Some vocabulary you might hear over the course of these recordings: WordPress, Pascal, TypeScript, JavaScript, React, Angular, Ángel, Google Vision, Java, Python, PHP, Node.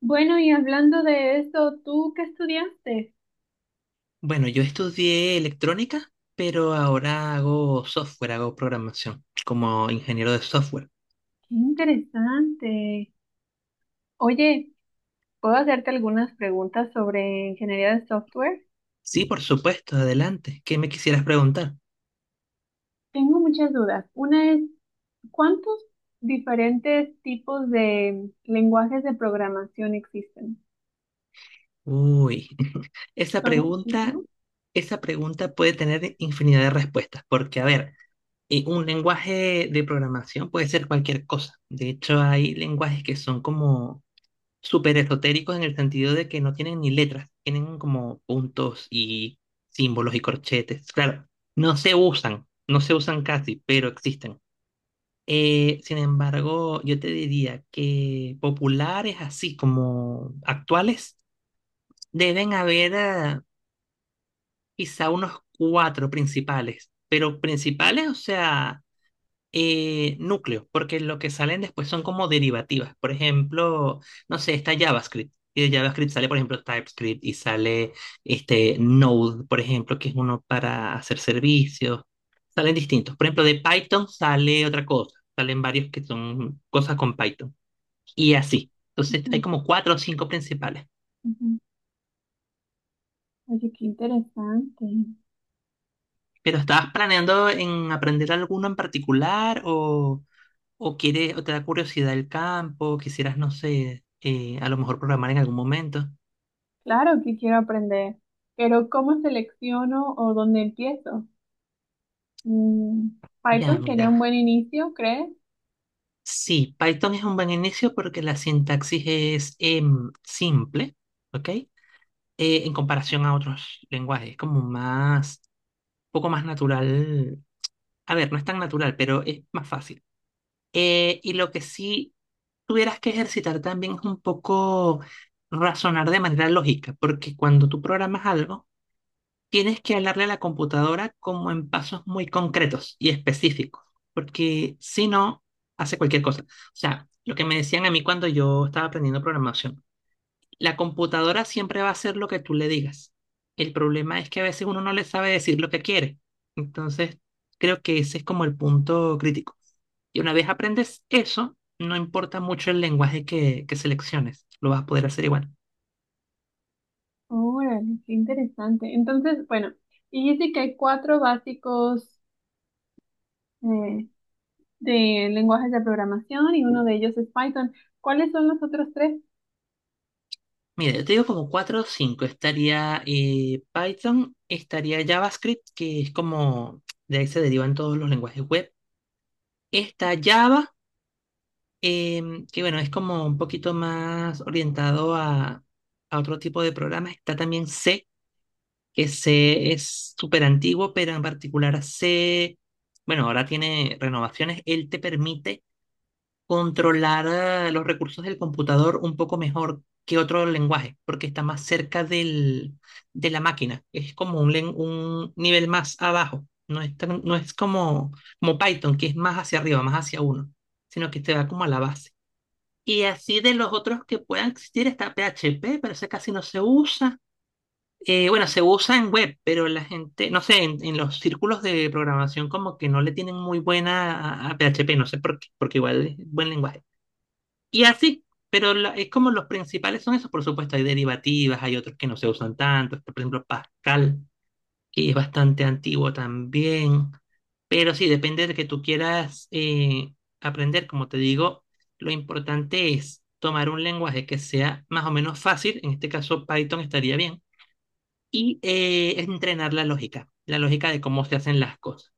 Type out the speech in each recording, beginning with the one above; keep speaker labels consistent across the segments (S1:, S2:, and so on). S1: Bueno, y hablando de esto, ¿tú qué estudiaste?
S2: Bueno, yo estudié electrónica, pero ahora hago software, hago programación como ingeniero de software.
S1: Qué interesante. Oye, ¿puedo hacerte algunas preguntas sobre ingeniería de software?
S2: Sí, por supuesto, adelante. ¿Qué me quisieras preguntar?
S1: Tengo muchas dudas. Una es, ¿cuántos diferentes tipos de lenguajes de programación existen?
S2: Uy, esa
S1: Son
S2: pregunta,
S1: muchísimos.
S2: esa pregunta puede tener infinidad de respuestas, porque a ver, un lenguaje de programación puede ser cualquier cosa. De hecho, hay lenguajes que son como súper esotéricos en el sentido de que no tienen ni letras, tienen como puntos y símbolos y corchetes. Claro, no se usan casi, pero existen. Sin embargo, yo te diría que populares así como actuales deben haber quizá unos cuatro principales, pero principales, o sea núcleo, porque lo que salen después son como derivativas. Por ejemplo, no sé, está JavaScript. Y de JavaScript sale, por ejemplo, TypeScript y sale este Node, por ejemplo, que es uno para hacer servicios. Salen distintos. Por ejemplo, de Python sale otra cosa. Salen varios que son cosas con Python. Y así. Entonces, hay
S1: Ujú,
S2: como cuatro o cinco principales.
S1: ujú. Oye, qué interesante.
S2: Pero ¿estabas planeando en aprender alguno en particular o quiere, o te da curiosidad el campo, quisieras, no sé, a lo mejor programar en algún momento.
S1: Claro que quiero aprender, pero ¿cómo selecciono o dónde empiezo? Mm,
S2: Ya,
S1: Python sería un
S2: mira.
S1: buen inicio, ¿crees?
S2: Sí, Python es un buen inicio porque la sintaxis es simple, ¿ok? En comparación a otros lenguajes, es como más, un poco más natural. A ver, no es tan natural, pero es más fácil. Y lo que sí tuvieras que ejercitar también es un poco razonar de manera lógica, porque cuando tú programas algo, tienes que hablarle a la computadora como en pasos muy concretos y específicos, porque si no, hace cualquier cosa. O sea, lo que me decían a mí cuando yo estaba aprendiendo programación, la computadora siempre va a hacer lo que tú le digas. El problema es que a veces uno no le sabe decir lo que quiere. Entonces, creo que ese es como el punto crítico. Y una vez aprendes eso, no importa mucho el lenguaje que selecciones, lo vas a poder hacer igual.
S1: Órale, qué interesante. Entonces, bueno, dijiste que hay cuatro básicos eh, de lenguajes de programación y uno de ellos es Python. ¿Cuáles son los otros tres?
S2: Mira, yo te digo como 4 o cinco. Estaría Python, estaría JavaScript, que es como de ahí se derivan todos los lenguajes web. Está Java, que bueno, es como un poquito más orientado a otro tipo de programas. Está también C, que C es súper antiguo, pero en particular C, bueno, ahora tiene renovaciones. Él te permite controlar los recursos del computador un poco mejor que otro lenguaje, porque está más cerca del, de la máquina. Es como un, un nivel más abajo. No es como, como Python, que es más hacia arriba, más hacia uno, sino que te va como a la base. Y así de los otros que puedan existir está PHP, pero ese casi no se usa. Bueno, se usa en web, pero la gente, no sé, en los círculos de programación como que no le tienen muy buena a PHP, no sé por qué, porque igual es buen lenguaje. Y así, pero es como los principales son esos, por supuesto, hay derivativas, hay otros que no se usan tanto, está, por ejemplo Pascal, que es bastante antiguo también, pero sí, depende de que tú quieras aprender, como te digo, lo importante es tomar un lenguaje que sea más o menos fácil, en este caso Python estaría bien, y entrenar la lógica de cómo se hacen las cosas,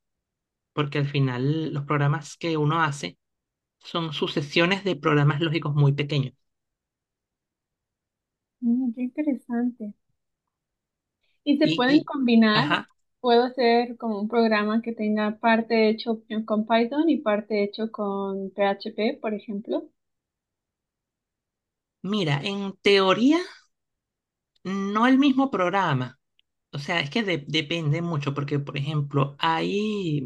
S2: porque al final los programas que uno hace son sucesiones de programas lógicos muy pequeños.
S1: Mm, qué interesante. ¿Y se pueden
S2: Y,
S1: combinar?
S2: ajá,
S1: ¿Puedo hacer como un programa que tenga parte hecho con Python y parte hecho con PHP, por ejemplo?
S2: mira, en teoría no el mismo programa. O sea, es que depende mucho porque, por ejemplo, hay,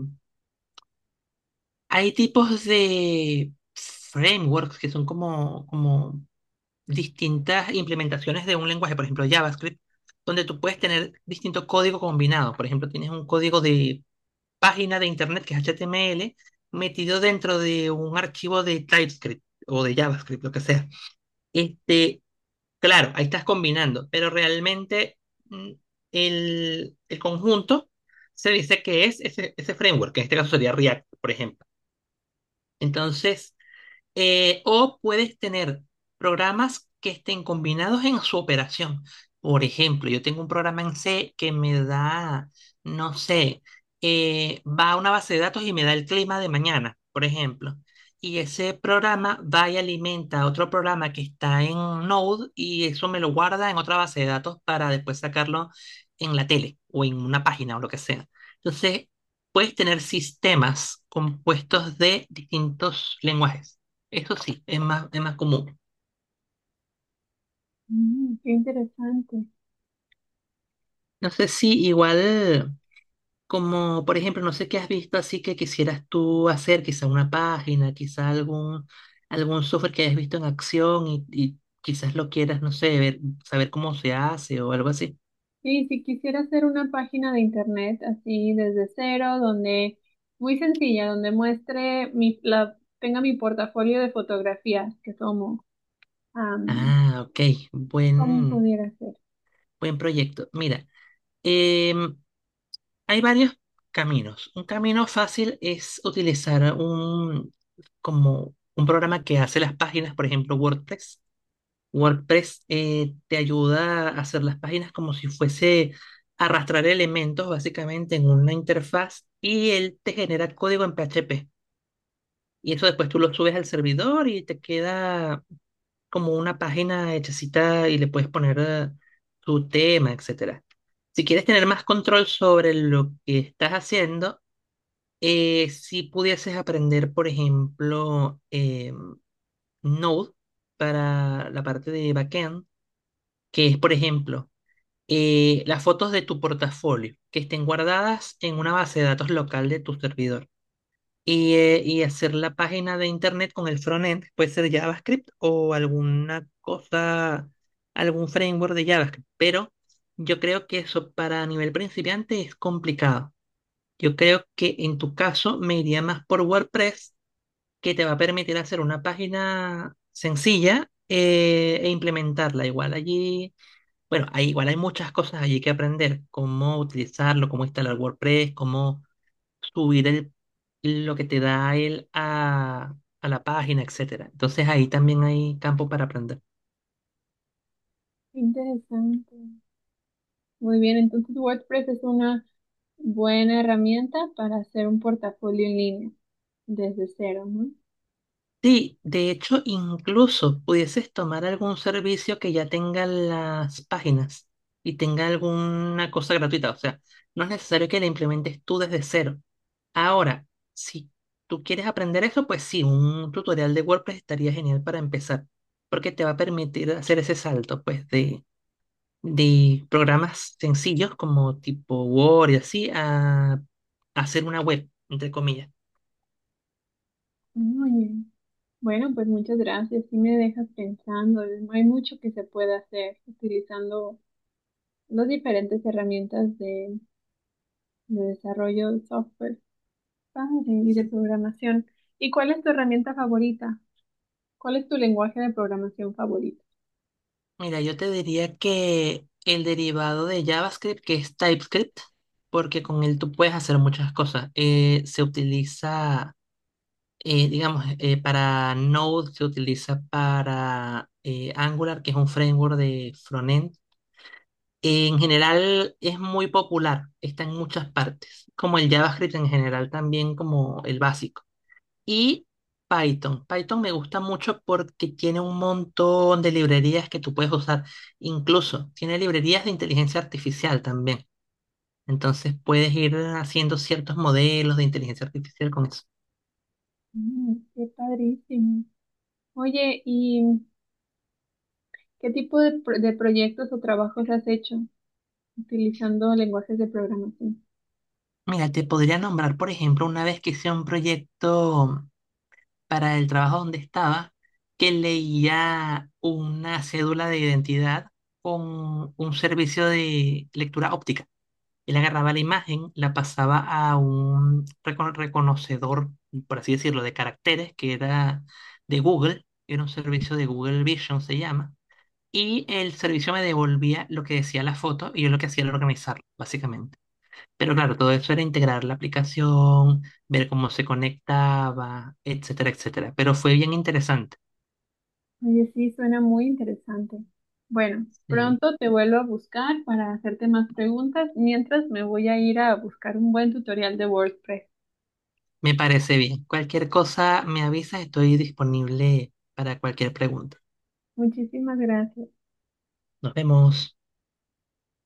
S2: hay tipos de frameworks que son como, como distintas implementaciones de un lenguaje, por ejemplo, JavaScript, donde tú puedes tener distinto código combinado. Por ejemplo, tienes un código de página de internet que es HTML metido dentro de un archivo de TypeScript o de JavaScript, lo que sea. Este, Claro, ahí estás combinando, pero realmente mm, el conjunto se dice que es ese, ese framework, que en este caso sería React, por ejemplo. Entonces, o puedes tener programas que estén combinados en su operación. Por ejemplo, yo tengo un programa en C que me da, no sé, va a una base de datos y me da el clima de mañana, por ejemplo. Y ese programa va y alimenta a otro programa que está en Node y eso me lo guarda en otra base de datos para después sacarlo en la tele o en una página o lo que sea. Entonces, puedes tener sistemas compuestos de distintos lenguajes. Eso sí, es más común.
S1: Mm, qué interesante.
S2: No sé si igual, como por ejemplo, no sé qué has visto así que quisieras tú hacer, quizá una página, quizá algún, algún software que hayas visto en acción y quizás lo quieras, no sé, ver, saber cómo se hace o algo así.
S1: Sí, si quisiera hacer una página de internet así desde cero, donde muy sencilla, donde muestre mi, la, tenga mi portafolio de fotografías que tomo. Am,
S2: Ah, ok,
S1: ¿cómo
S2: buen,
S1: pudiera ser?
S2: buen proyecto. Mira, em, hay varios caminos. Un camino fácil es utilizar un, como un programa que hace las páginas, por ejemplo, WordPress. WordPress te ayuda a hacer las páginas como si fuese arrastrar elementos básicamente en una interfaz y él te genera código en PHP. Y eso después tú lo subes al servidor y te queda como una página hechecita y le puedes poner tu tema, etcétera. Si quieres tener más control sobre lo que estás haciendo, si pudieses aprender, por ejemplo, Node para la parte de backend, que es, por ejemplo, las fotos de tu portafolio que estén guardadas en una base de datos local de tu servidor y hacer la página de internet con el frontend, puede ser JavaScript o alguna cosa, algún framework de JavaScript, pero yo creo que eso para nivel principiante es complicado. Yo creo que en tu caso me iría más por WordPress, que te va a permitir hacer una página sencilla e implementarla igual allí. Bueno, ahí igual hay muchas cosas allí que aprender, cómo utilizarlo, cómo instalar WordPress, cómo subir lo que te da él a la página, etcétera. Entonces ahí también hay campo para aprender.
S1: Interesante. Muy bien, entonces WordPress es una buena herramienta para hacer un portafolio en línea desde cero, ¿no?
S2: Sí, de hecho, incluso pudieses tomar algún servicio que ya tenga las páginas y tenga alguna cosa gratuita. O sea, no es necesario que la implementes tú desde cero. Ahora, si tú quieres aprender eso, pues sí, un tutorial de WordPress estaría genial para empezar, porque te va a permitir hacer ese salto, pues, de programas sencillos como tipo Word y así a hacer una web, entre comillas.
S1: Muy bien. Bueno, pues muchas gracias. Sí me dejas pensando. No hay mucho que se puede hacer utilizando las diferentes herramientas de desarrollo de software padre, y de programación. ¿Y cuál es tu herramienta favorita? ¿Cuál es tu lenguaje de programación favorito?
S2: Mira, yo te diría que el derivado de JavaScript, que es TypeScript, porque con él tú puedes hacer muchas cosas. Se utiliza digamos, para Node se utiliza para Angular, que es un framework de frontend. En general es muy popular, está en muchas partes, como el JavaScript en general también como el básico. Y Python. Python me gusta mucho porque tiene un montón de librerías que tú puedes usar. Incluso tiene librerías de inteligencia artificial también. Entonces puedes ir haciendo ciertos modelos de inteligencia artificial con eso.
S1: Mm, qué padrísimo. Oye, ¿y qué tipo de, de proyectos o trabajos has hecho utilizando lenguajes de programación?
S2: Mira, te podría nombrar, por ejemplo, una vez que hice un proyecto para el trabajo donde estaba, que leía una cédula de identidad con un servicio de lectura óptica. Él agarraba la imagen, la pasaba a un reconocedor, por así decirlo, de caracteres, que era de Google, era un servicio de Google Vision, se llama, y el servicio me devolvía lo que decía la foto y yo lo que hacía era organizarlo, básicamente. Pero claro, todo eso era integrar la aplicación, ver cómo se conectaba, etcétera, etcétera. Pero fue bien interesante.
S1: Oye, sí, suena muy interesante. Bueno,
S2: Sí.
S1: pronto te vuelvo a buscar para hacerte más preguntas, mientras me voy a ir a buscar un buen tutorial de WordPress.
S2: Me parece bien. Cualquier cosa me avisas, estoy disponible para cualquier pregunta.
S1: Muchísimas gracias.
S2: Nos vemos.